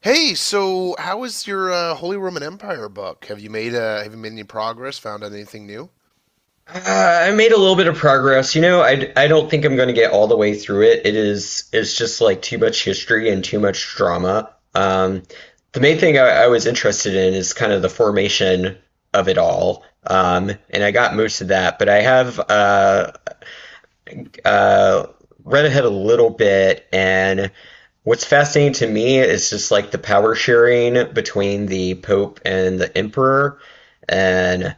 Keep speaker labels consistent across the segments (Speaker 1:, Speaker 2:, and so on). Speaker 1: Hey, so how is your Holy Roman Empire book? Have you made any progress? Found out anything new?
Speaker 2: I made a little bit of progress. You know, I don't think I'm going to get all the way through it. It is it's just like too much history and too much drama. The main thing I was interested in is kind of the formation of it all. And I got most of that, but I have uh, read ahead a little bit, and what's fascinating to me is just like the power sharing between the Pope and the Emperor, and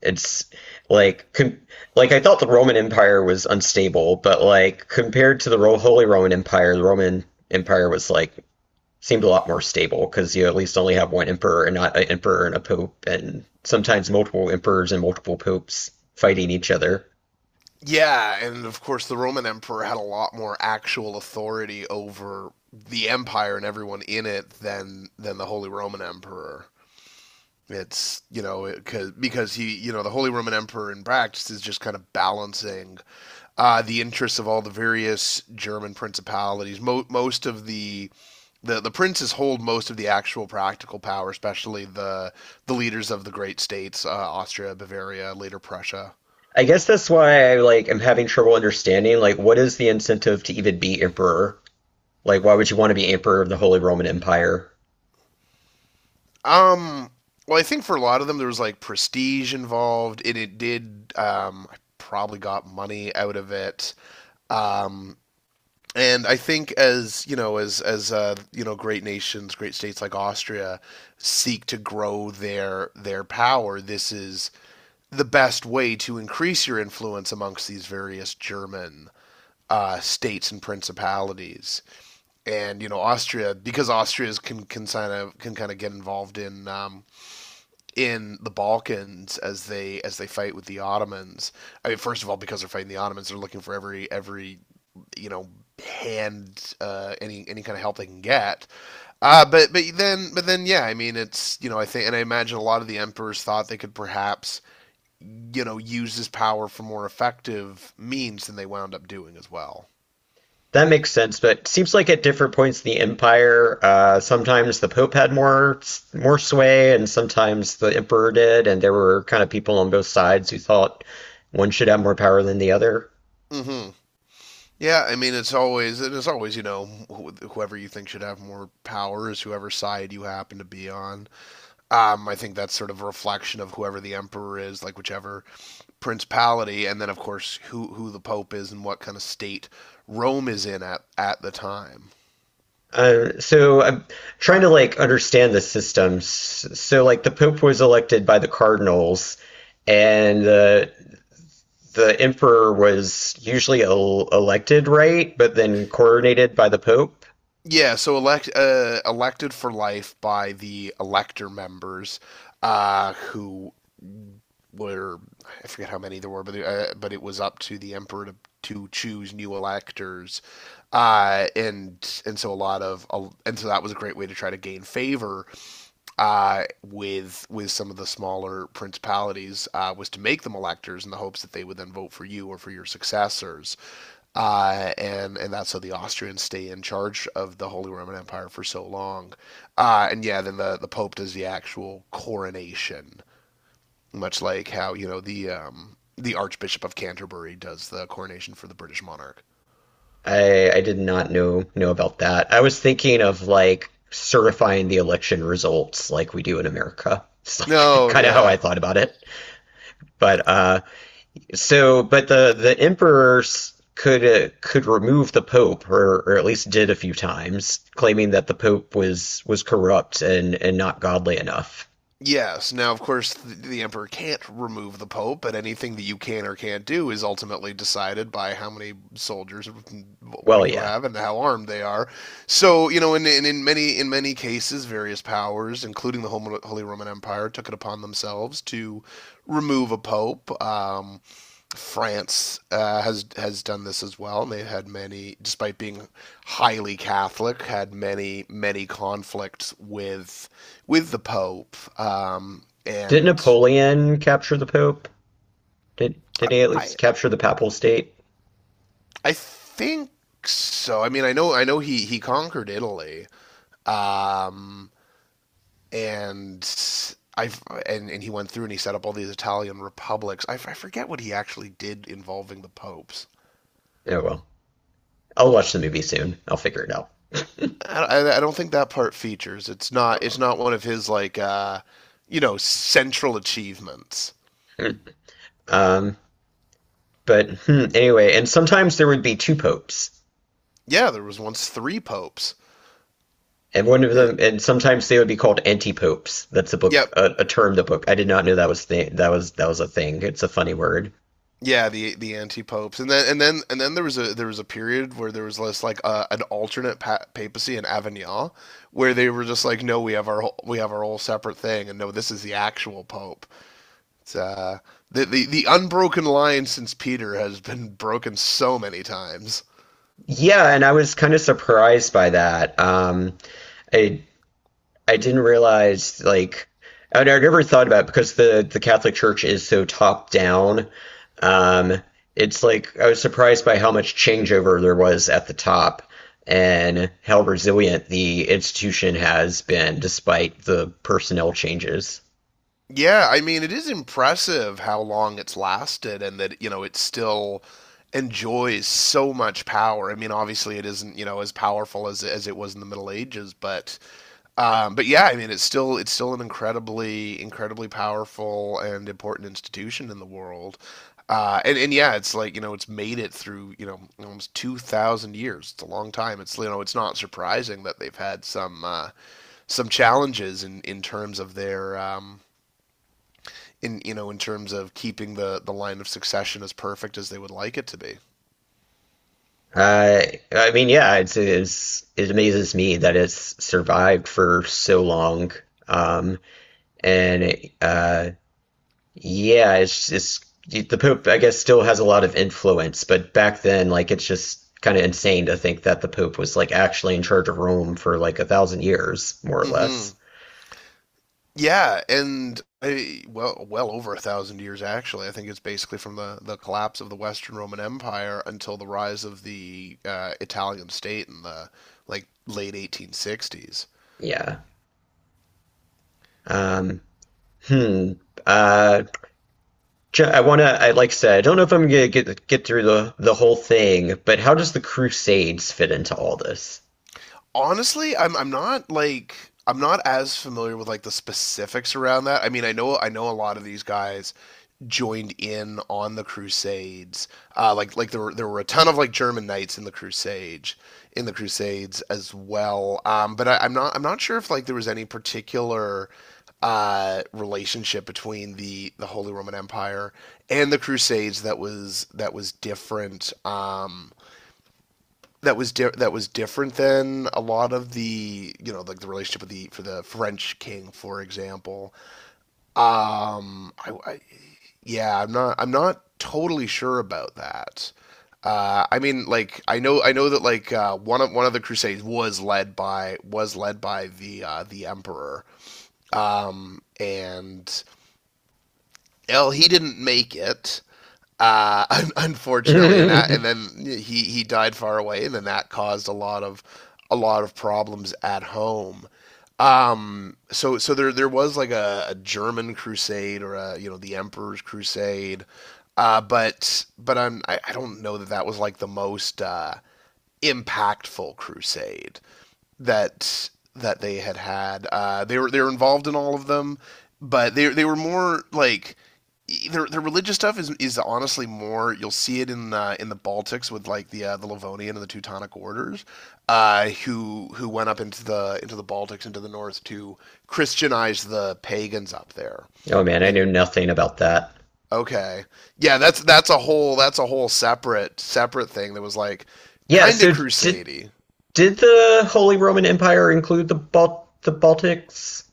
Speaker 2: it's like com like I thought the Roman Empire was unstable, but like compared to the Ro Holy Roman Empire, the Roman Empire was seemed a lot more stable because you at least only have one emperor and not an emperor and a pope, and sometimes multiple emperors and multiple popes fighting each other.
Speaker 1: Yeah, and of course the Roman Emperor had a lot more actual authority over the empire and everyone in it than the Holy Roman Emperor. It's you know it, cause, Because he, you know, the Holy Roman Emperor in practice is just kind of balancing the interests of all the various German principalities. Most of the princes hold most of the actual practical power, especially the leaders of the great states, Austria, Bavaria, later Prussia.
Speaker 2: I guess that's why I like am having trouble understanding like what is the incentive to even be emperor? Like why would you want to be emperor of the Holy Roman Empire?
Speaker 1: Um, well, I think for a lot of them there was like prestige involved, and it did. I probably got money out of it. Um, and I think, as you know, as you know, great nations, great states like Austria seek to grow their power. This is the best way to increase your influence amongst these various German states and principalities. And, you know, Austria, because Austria can kind of get involved in the Balkans as they fight with the Ottomans. I mean, first of all, because they're fighting the Ottomans, they're looking for every you know, hand, any kind of help they can get. But then yeah, I mean it's, you know, I think, and I imagine a lot of the emperors thought they could perhaps, you know, use this power for more effective means than they wound up doing as well.
Speaker 2: That makes sense, but seems like at different points in the empire, sometimes the Pope had more sway, and sometimes the Emperor did, and there were kind of people on both sides who thought one should have more power than the other.
Speaker 1: Mm hmm Yeah, I mean it's always you know, whoever you think should have more power is whoever side you happen to be on. I think that's sort of a reflection of whoever the emperor is, like whichever principality, and then of course who the pope is and what kind of state Rome is in at the time.
Speaker 2: So I'm trying to like understand the systems. So like the Pope was elected by the cardinals, and the Emperor was usually el elected, right? But then coronated by the Pope.
Speaker 1: Yeah, so elected for life by the elector members, who were, I forget how many there were, but it was up to the emperor to choose new electors, and so a lot of and so that was a great way to try to gain favor with some of the smaller principalities, was to make them electors in the hopes that they would then vote for you or for your successors, and that's how the Austrians stay in charge of the Holy Roman Empire for so long. And yeah, then the Pope does the actual coronation, much like how, you know, the Archbishop of Canterbury does the coronation for the British monarch.
Speaker 2: I did not know about that. I was thinking of like certifying the election results like we do in America. It's like
Speaker 1: No,
Speaker 2: kind of how I
Speaker 1: yeah.
Speaker 2: thought about it. But so but the emperors could remove the pope or at least did a few times, claiming that the pope was corrupt and not godly enough.
Speaker 1: Yes. Now, of course, the emperor can't remove the pope, but anything that you can or can't do is ultimately decided by how many soldiers
Speaker 2: Well,
Speaker 1: you
Speaker 2: yeah.
Speaker 1: have and how armed they are. So, you know, in many cases, various powers, including the Holy Roman Empire, took it upon themselves to remove a pope. France has done this as well, and they've had many, despite being highly Catholic, had many conflicts with the Pope,
Speaker 2: Did
Speaker 1: and
Speaker 2: Napoleon capture the pope? Did he at least
Speaker 1: I
Speaker 2: capture the papal state?
Speaker 1: I think so. I mean, I know he conquered Italy, um, and I and he went through and he set up all these Italian republics. I forget what he actually did involving the popes.
Speaker 2: Oh well. I'll watch the movie soon. I'll figure it out.
Speaker 1: I don't think that part features. It's
Speaker 2: Oh
Speaker 1: not. It's
Speaker 2: well.
Speaker 1: not one of his like, you know, central achievements.
Speaker 2: Um, but hmm, anyway, and sometimes there would be two popes,
Speaker 1: Yeah, there was once three popes.
Speaker 2: and one of
Speaker 1: Eh,
Speaker 2: them, and sometimes they would be called anti-popes. That's a book,
Speaker 1: yep.
Speaker 2: a term. The book I did not know that was that was a thing. It's a funny word.
Speaker 1: Yeah, the anti popes, and then there was a period where there was less like an alternate pa papacy in Avignon, where they were just like, no, we have our whole separate thing, and no, this is the actual pope. It's The unbroken line since Peter has been broken so many times.
Speaker 2: Yeah, and I was kind of surprised by that. I I didn't realize and I never thought about it because the Catholic Church is so top down. Um, it's like I was surprised by how much changeover there was at the top and how resilient the institution has been despite the personnel changes.
Speaker 1: Yeah, I mean, it is impressive how long it's lasted and that, you know, it still enjoys so much power. I mean, obviously it isn't, you know, as powerful as it was in the Middle Ages, but yeah, I mean, it's still an incredibly powerful and important institution in the world. And yeah, it's like, you know, it's made it through, you know, almost 2,000 years. It's a long time. It's, you know, it's not surprising that they've had some challenges in terms of their in, you know, in terms of keeping the line of succession as perfect as they would like it to be.
Speaker 2: Uh, I mean, yeah, it's it amazes me that it's survived for so long. Um, and Yeah, it's the Pope, I guess, still has a lot of influence, but back then, like, it's just kind of insane to think that the Pope was like actually in charge of Rome for like 1,000 years, more or
Speaker 1: Mm-hmm.
Speaker 2: less.
Speaker 1: Yeah, and well, well over 1,000 years actually. I think it's basically from the collapse of the Western Roman Empire until the rise of the Italian state in the like late 1860s.
Speaker 2: Yeah. Um, hmm. Uh, I wanna, I like I said, I don't know if I'm gonna get through the whole thing, but how does the Crusades fit into all this?
Speaker 1: Honestly, I'm not as familiar with like the specifics around that. I mean, I know a lot of these guys joined in on the Crusades. Like there were a ton of like German knights in the Crusades as well. But I'm not sure if like there was any particular relationship between the Holy Roman Empire and the Crusades that was different. That was different than a lot of the, you know, like the relationship with the for the French king for example. I yeah, I'm not totally sure about that. I mean, like, I know that like one of the Crusades was led by the Emperor, and, well, he didn't make it, unfortunately, and then he died far away, and then that caused a lot of problems at home. So there was like a German crusade or, a you know, the Emperor's crusade, but I don't know that that was like the most impactful crusade that that they had had. They were involved in all of them, but they were more like their religious stuff is honestly more. You'll see it in the Baltics with like the Livonian and the Teutonic orders, who went up into the Baltics into the north to Christianize the pagans up there.
Speaker 2: Oh man, I knew
Speaker 1: And
Speaker 2: nothing about that.
Speaker 1: okay, yeah, that's a whole separate separate thing that was like
Speaker 2: Yeah,
Speaker 1: kind of
Speaker 2: so
Speaker 1: crusady.
Speaker 2: did the Holy Roman Empire include the Bal the Baltics?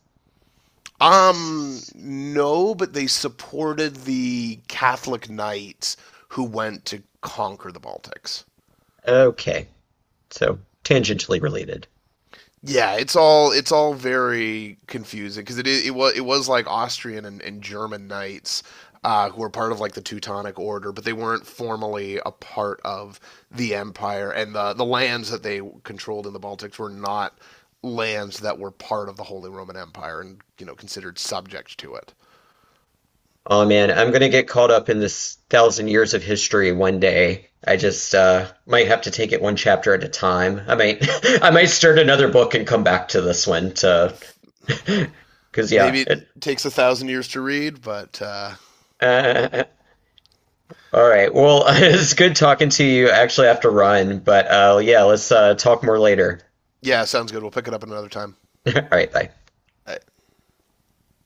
Speaker 1: No, but they supported the Catholic knights who went to conquer the Baltics.
Speaker 2: Okay, so tangentially related.
Speaker 1: Yeah, it's all very confusing because it is, it was like Austrian and German knights who were part of like the Teutonic Order, but they weren't formally a part of the empire, and the lands that they controlled in the Baltics were not lands that were part of the Holy Roman Empire and, you know, considered subject to it.
Speaker 2: Oh man, I'm gonna get caught up in this 1,000 years of history one day. I just might have to take it one chapter at a time. I might, I might start another book and come back to this one to, because
Speaker 1: Maybe it takes 1,000 years to read, but
Speaker 2: Uh, all right. Well, it's good talking to you. I actually have to run, but yeah, let's talk more later.
Speaker 1: yeah, sounds good. We'll pick it up another time.
Speaker 2: All right, bye.
Speaker 1: I,